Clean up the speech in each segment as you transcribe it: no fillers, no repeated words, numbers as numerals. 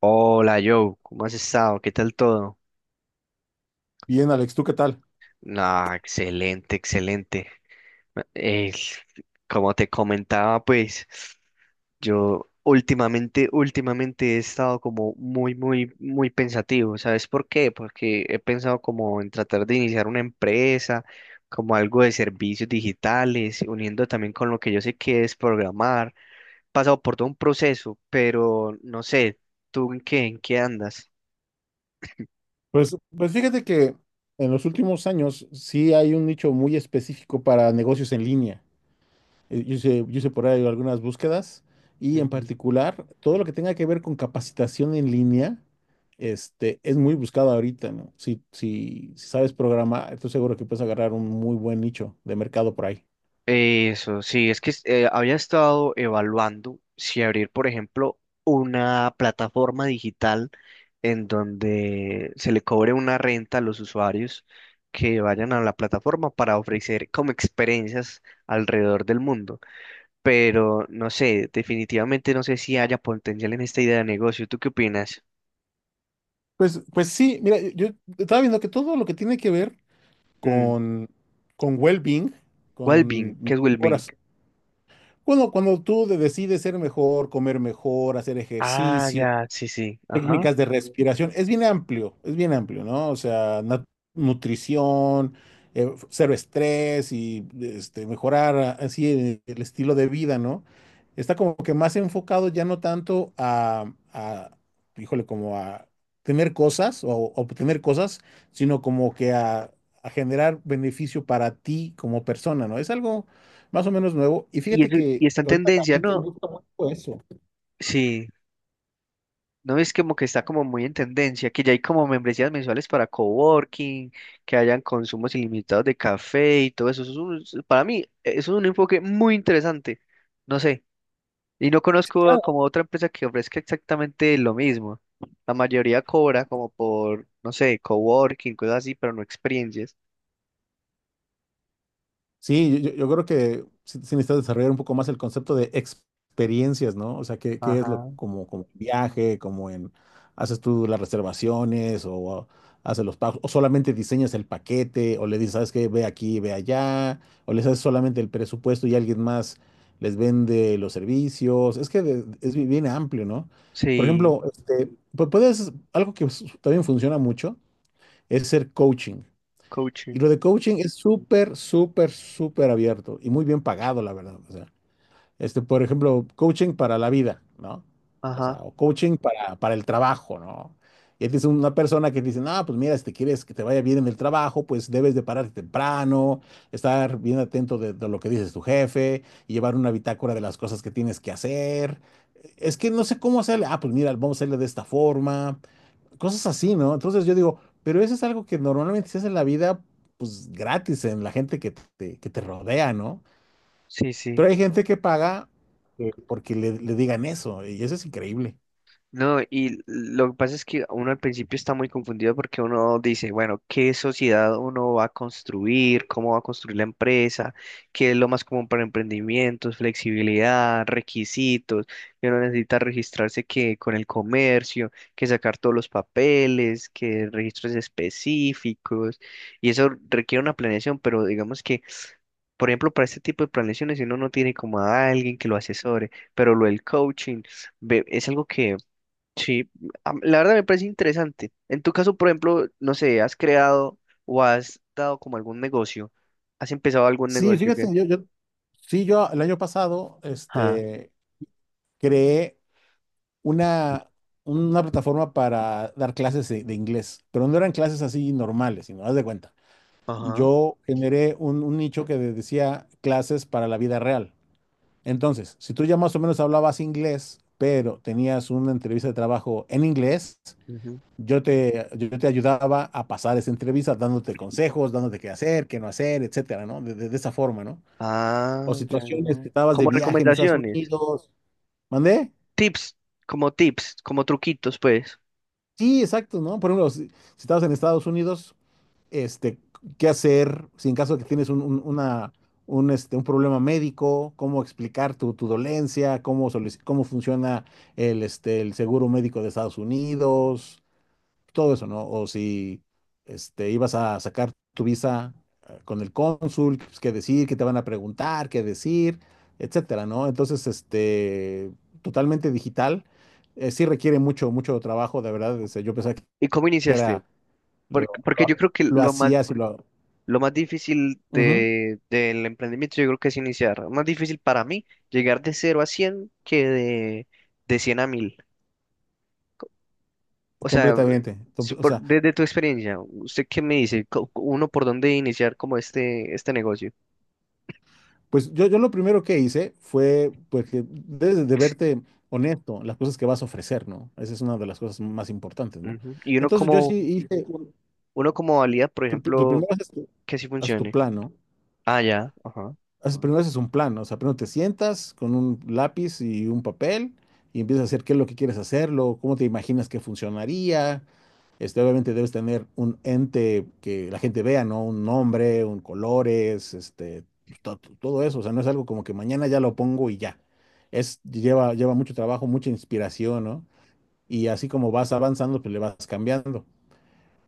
Hola Joe, ¿cómo has estado? ¿Qué tal todo? Bien, Alex, ¿tú qué tal? Ah, excelente, excelente. Eh, Como te comentaba, pues yo últimamente he estado como muy, muy, muy pensativo. ¿Sabes por qué? Porque he pensado como en tratar de iniciar una empresa, como algo de servicios digitales, uniendo también con lo que yo sé que es programar. He pasado por todo un proceso, pero no sé, ¿tú en qué andas? Pues fíjate que en los últimos años sí hay un nicho muy específico para negocios en línea. Yo hice por ahí algunas búsquedas y en particular todo lo que tenga que ver con capacitación en línea es muy buscado ahorita, ¿no? Si sabes programar, estoy seguro que puedes agarrar un muy buen nicho de mercado por ahí. Eso, sí, es que había estado evaluando si abrir, por ejemplo, una plataforma digital en donde se le cobre una renta a los usuarios que vayan a la plataforma para ofrecer como experiencias alrededor del mundo. Pero no sé, definitivamente no sé si haya potencial en esta idea de negocio. ¿Tú qué opinas? Pues sí, mira, yo estaba viendo que todo lo que tiene que ver Mm, con, con well-being, Wellbeing, con ¿qué es Wellbeing? mejoras. Cuando tú decides ser mejor, comer mejor, hacer Ah, ejercicio, ya, sí, sí, ajá. técnicas de respiración. Es bien amplio, es bien amplio, ¿no? O sea, nutrición, cero estrés y mejorar así el estilo de vida, ¿no? Está como que más enfocado ya no tanto a híjole, como a tener cosas o obtener cosas, sino como que a generar beneficio para ti como persona, ¿no? Es algo más o menos nuevo. Y Y, fíjate y que ¿está en ahorita la tendencia, gente ¿no? busca mucho eso. Sí. No es como que está como muy en tendencia, que ya hay como membresías mensuales para coworking, que hayan consumos ilimitados de café y todo eso. Para mí, eso es un enfoque muy interesante. No sé. Y no conozco como otra empresa que ofrezca exactamente lo mismo. La mayoría cobra como por, no sé, coworking, cosas así, pero no experiencias. Sí, yo creo que sí, sí necesitas desarrollar un poco más el concepto de experiencias, ¿no? O sea, ¿qué es lo Ajá. como, como viaje, como en haces tú las reservaciones o haces los pagos, o solamente diseñas el paquete, o le dices, ¿sabes qué? Ve aquí, ve allá, o les haces solamente el presupuesto y alguien más les vende los servicios? Es que es bien amplio, ¿no? Por Sí, ejemplo, puedes, algo que también funciona mucho es ser coaching. Y lo coaching. de coaching es súper, súper, súper abierto y muy bien pagado, la verdad. O sea, por ejemplo, coaching para la vida, ¿no? O sea, Ajá. o coaching para el trabajo, ¿no? Y es una persona que dice, no, pues mira, si te quieres que te vaya bien en el trabajo, pues debes de pararte temprano, estar bien atento de lo que dices tu jefe, y llevar una bitácora de las cosas que tienes que hacer. Es que no sé cómo hacerle. Ah, pues mira, vamos a hacerle de esta forma. Cosas así, ¿no? Entonces yo digo, pero eso es algo que normalmente se hace en la vida, pues gratis, en la gente que que te rodea, ¿no? Sí, sí. Pero hay gente que paga porque le digan eso, y eso es increíble. No, y lo que pasa es que uno al principio está muy confundido porque uno dice, bueno, ¿qué sociedad uno va a construir? ¿Cómo va a construir la empresa? ¿Qué es lo más común para emprendimientos? Flexibilidad, requisitos, que uno necesita registrarse que con el comercio, que sacar todos los papeles, que registros específicos, y eso requiere una planeación, pero digamos que por ejemplo, para este tipo de planeaciones, si uno no tiene como a alguien que lo asesore, pero lo del coaching es algo que sí, la verdad me parece interesante. En tu caso, por ejemplo, no sé, ¿has creado o has dado como algún negocio? ¿Has empezado algún Sí, negocio fíjate, que... sí, yo el año pasado, Ah, creé una, una plataforma para dar clases de inglés, pero no eran clases así normales, sino, haz de cuenta. ajá. Yo generé un nicho que decía clases para la vida real. Entonces, si tú ya más o menos hablabas inglés, pero tenías una entrevista de trabajo en inglés, Ujú. Yo te ayudaba a pasar esa entrevista dándote consejos, dándote qué hacer, qué no hacer, etcétera, ¿no? De esa forma, ¿no? Ah, O ya, ya. situaciones que estabas de Como viaje en Estados recomendaciones, Unidos. ¿Mandé? tips, tips, como truquitos, pues. Sí, exacto, ¿no? Por ejemplo, si estabas en Estados Unidos, este, qué hacer, si en caso de que tienes una, un problema médico, cómo explicar tu dolencia, cómo, cómo funciona el seguro médico de Estados Unidos, todo eso, ¿no? O si ibas a sacar tu visa con el cónsul, pues, qué decir, qué te van a preguntar, qué decir, etcétera, ¿no? Entonces, totalmente digital, sí requiere mucho, mucho trabajo, de verdad. O sea, yo pensaba que ¿Y cómo iniciaste? era... Porque, porque yo creo que lo hacías y lo... lo más difícil Ujú, de, del emprendimiento, yo creo que es iniciar. Más difícil para mí llegar de cero a 100 que de 100 a 1000. O sea, completamente. Si O por- sea, desde tu experiencia, ¿usted qué me dice? ¿Uno por dónde iniciar como este negocio? pues yo lo primero que hice fue, pues que debes de verte honesto, las cosas que vas a ofrecer, ¿no? Esa es una de las cosas más importantes, ¿no? Ujú. Y Entonces yo sí hice, uno como valida, por ejemplo, primero haces que sí haz tu funcione. plan, ¿no? Ah, ya, ajá. Primero haces un plan, ¿no? O sea, primero te sientas con un lápiz y un papel y empiezas a hacer qué es lo que quieres hacerlo, cómo te imaginas que funcionaría. Obviamente debes tener un ente que la gente vea, ¿no? Un nombre, un colores, todo eso. O sea, no es algo como que mañana ya lo pongo y ya. Es, lleva, lleva mucho trabajo, mucha inspiración, ¿no? Y así como vas avanzando, pues le vas cambiando.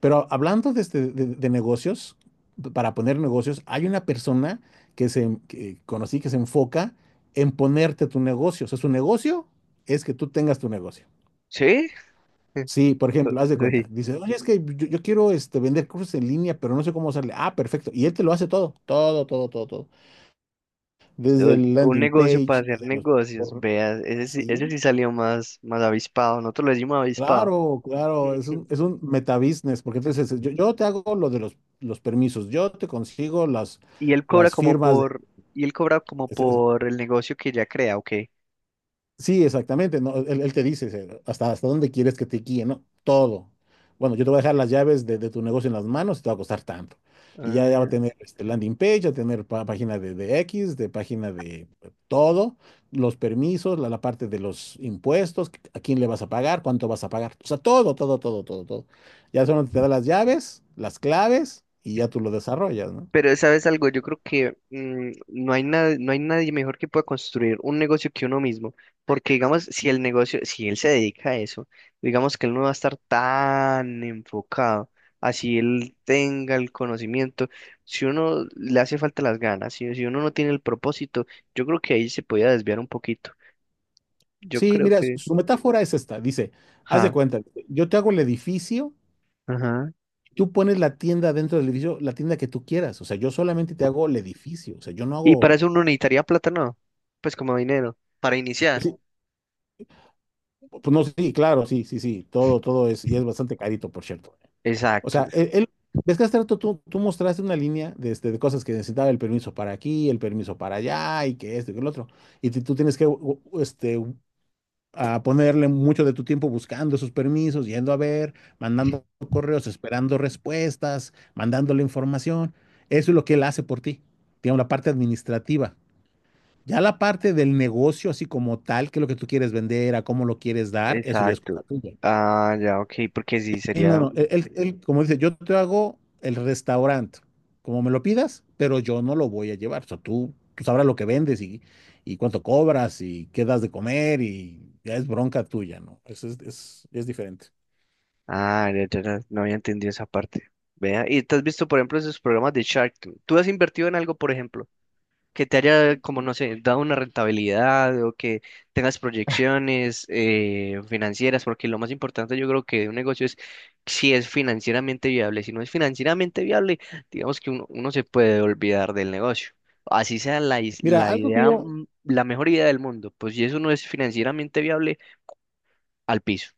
Pero hablando de, de negocios, para poner negocios, hay una persona que conocí que se enfoca en ponerte tu negocio. O sea, su negocio es que tú tengas tu negocio. ¿Sí? Sí, por ejemplo, haz de cuenta. Sí. Dice, oye, es que yo quiero este, vender cursos en línea, pero no sé cómo hacerle. Ah, perfecto. Y él te lo hace todo, todo, todo, todo, todo. Desde el O- Un landing negocio para page, hacer desde los... negocios, por- veas, ese Sí, sí salió más, más avispado, nosotros lo decimos avispado. claro, claro, es Ujú. es un metabusiness, porque entonces yo te hago lo de los permisos, yo te consigo Y él cobra las como firmas por, y él cobra como de... por el negocio que ya crea, ok. Sí, exactamente, ¿no? Él te dice hasta dónde quieres que te guíe, ¿no? Todo. Bueno, yo te voy a dejar las llaves de tu negocio en las manos y te va a costar tanto. Y ya, ya va a Ah, tener este, landing page, va a tener página de X, de página de todo, los permisos, la parte de los impuestos, a quién le vas a pagar, cuánto vas a pagar. O sea, todo, todo, todo, todo, todo. Ya solo te da las llaves, las claves y ya tú lo desarrollas, ¿no? pero sabes algo, yo creo que no hay nada, no hay nadie mejor que pueda construir un negocio que uno mismo, porque digamos, si el negocio, si él se dedica a eso, digamos que él no va a estar tan enfocado, así él tenga el conocimiento, si uno le hace falta las ganas, si uno no tiene el propósito, yo creo que ahí se podía desviar un poquito. Yo Sí, creo mira, su que, su metáfora es esta. Dice, haz de ja, cuenta, yo te hago el edificio. ajá. Tú pones la tienda dentro del edificio, la tienda que tú quieras. O sea, yo solamente te hago el edificio. O sea, yo no Y para hago. eso uno necesitaría plata, ¿no? Pues como dinero, para iniciar. Sí, pues no, sí, claro, sí, sí, sí. Todo, todo es, y es bastante carito, por cierto. O Exacto. sea, ves que hace rato tú mostraste una línea de, de cosas que necesitaba el permiso para aquí, el permiso para allá, y que esto y que el otro. Y tú tienes que u- u- este, a ponerle mucho de tu tiempo buscando esos permisos, yendo a ver, mandando correos, esperando respuestas, mandándole información. Eso es lo que él hace por ti. Digamos, la parte administrativa. Ya la parte del negocio, así como tal, qué es lo que tú quieres vender, a cómo lo quieres dar, eso ya es cosa Exacto. tuya. Ah, ya, ok, porque sí Sí. No, sería. no, él, como dice, yo te hago el restaurante, como me lo pidas, pero yo no lo voy a llevar. O sea, tú sabrás lo que vendes y cuánto cobras y qué das de comer y ya es bronca tuya, ¿no? Es diferente. Ah, ya, ya, ya, no había entendido esa parte. Vea, y te has visto, por ejemplo, esos programas de Shark Tank. ¿Tú has invertido en algo, por ejemplo, que te haya, como no sé, dado una rentabilidad o que tengas proyecciones financieras? Porque lo más importante, yo creo que de un negocio es si es financieramente viable. Si no es financieramente viable, digamos que uno se puede olvidar del negocio. Así sea Mira, la algo que idea, yo, la mejor idea del mundo. Pues si eso no es financieramente viable al piso.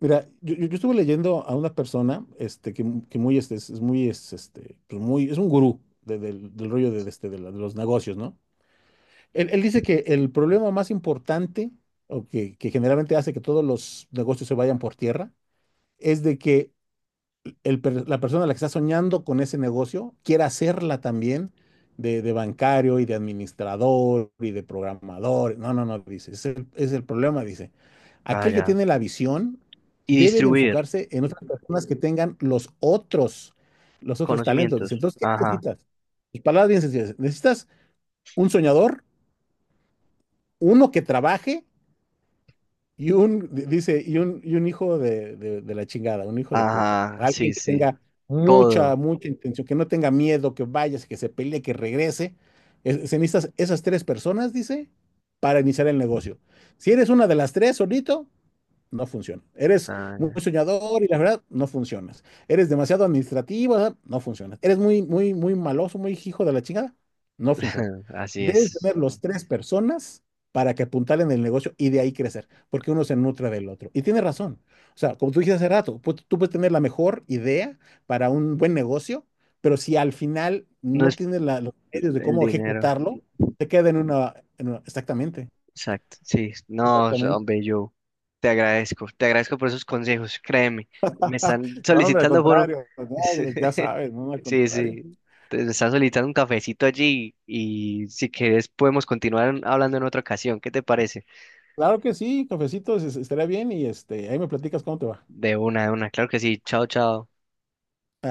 mira, yo- yo estuve leyendo a una persona, este, que, mu- que muy, este, es muy, es, este, pues muy, es un gurú del rollo de este, de la- de los negocios, ¿no? Él dice que el problema más importante, o que generalmente hace que todos los negocios se vayan por tierra, es de que la persona a la que está soñando con ese negocio quiera hacerla también de bancario y de administrador y de programador. No, no, no, dice, es es el problema, dice. Ah, Aquel que ya. tiene la visión Y debe de distribuir enfocarse en otras personas que tengan los otros talentos. Dice, conocimientos. entonces, ¿qué Ajá. necesitas? Sus palabras bien sencillas. Necesitas un soñador, uno que trabaje. Dice, y un hijo de, de la chingada, un hijo de puta. Ajá, sí, Alguien que sí, tenga mucha, todo. mucha intención, que no tenga miedo, que vaya, que se pelee, que regrese. Se necesitan esas tres personas, dice, para iniciar el negocio. Si eres una de las tres solito, no funciona. Eres Ah, muy ya. soñador y la verdad, no funcionas. Eres demasiado administrativo, la verdad, no funciona. Eres muy, muy, muy maloso, muy hijo de la chingada, no funciona. Así Debes tener es. los tres personas para que apuntalen el negocio y de ahí crecer, porque uno se nutre del otro. Y tiene razón. O sea, como tú dijiste hace rato, tú puedes tener la mejor idea para un buen negocio, pero si al final No no es tienes los medios de el cómo dinero, ejecutarlo, te queda en una, exactamente, exacto, sí, no, exactamente. hombre, yo te agradezco por esos consejos, créeme, me están No, hombre, al solicitando por un... contrario, no, ya sabes, no, al Sí, contrario. sí, me están solicitando un cafecito allí y si quieres podemos continuar hablando en otra ocasión, ¿qué te parece? Claro que sí, cafecito, estaría bien y este, ahí me platicas cómo te va. De una, claro que sí, chao, chao.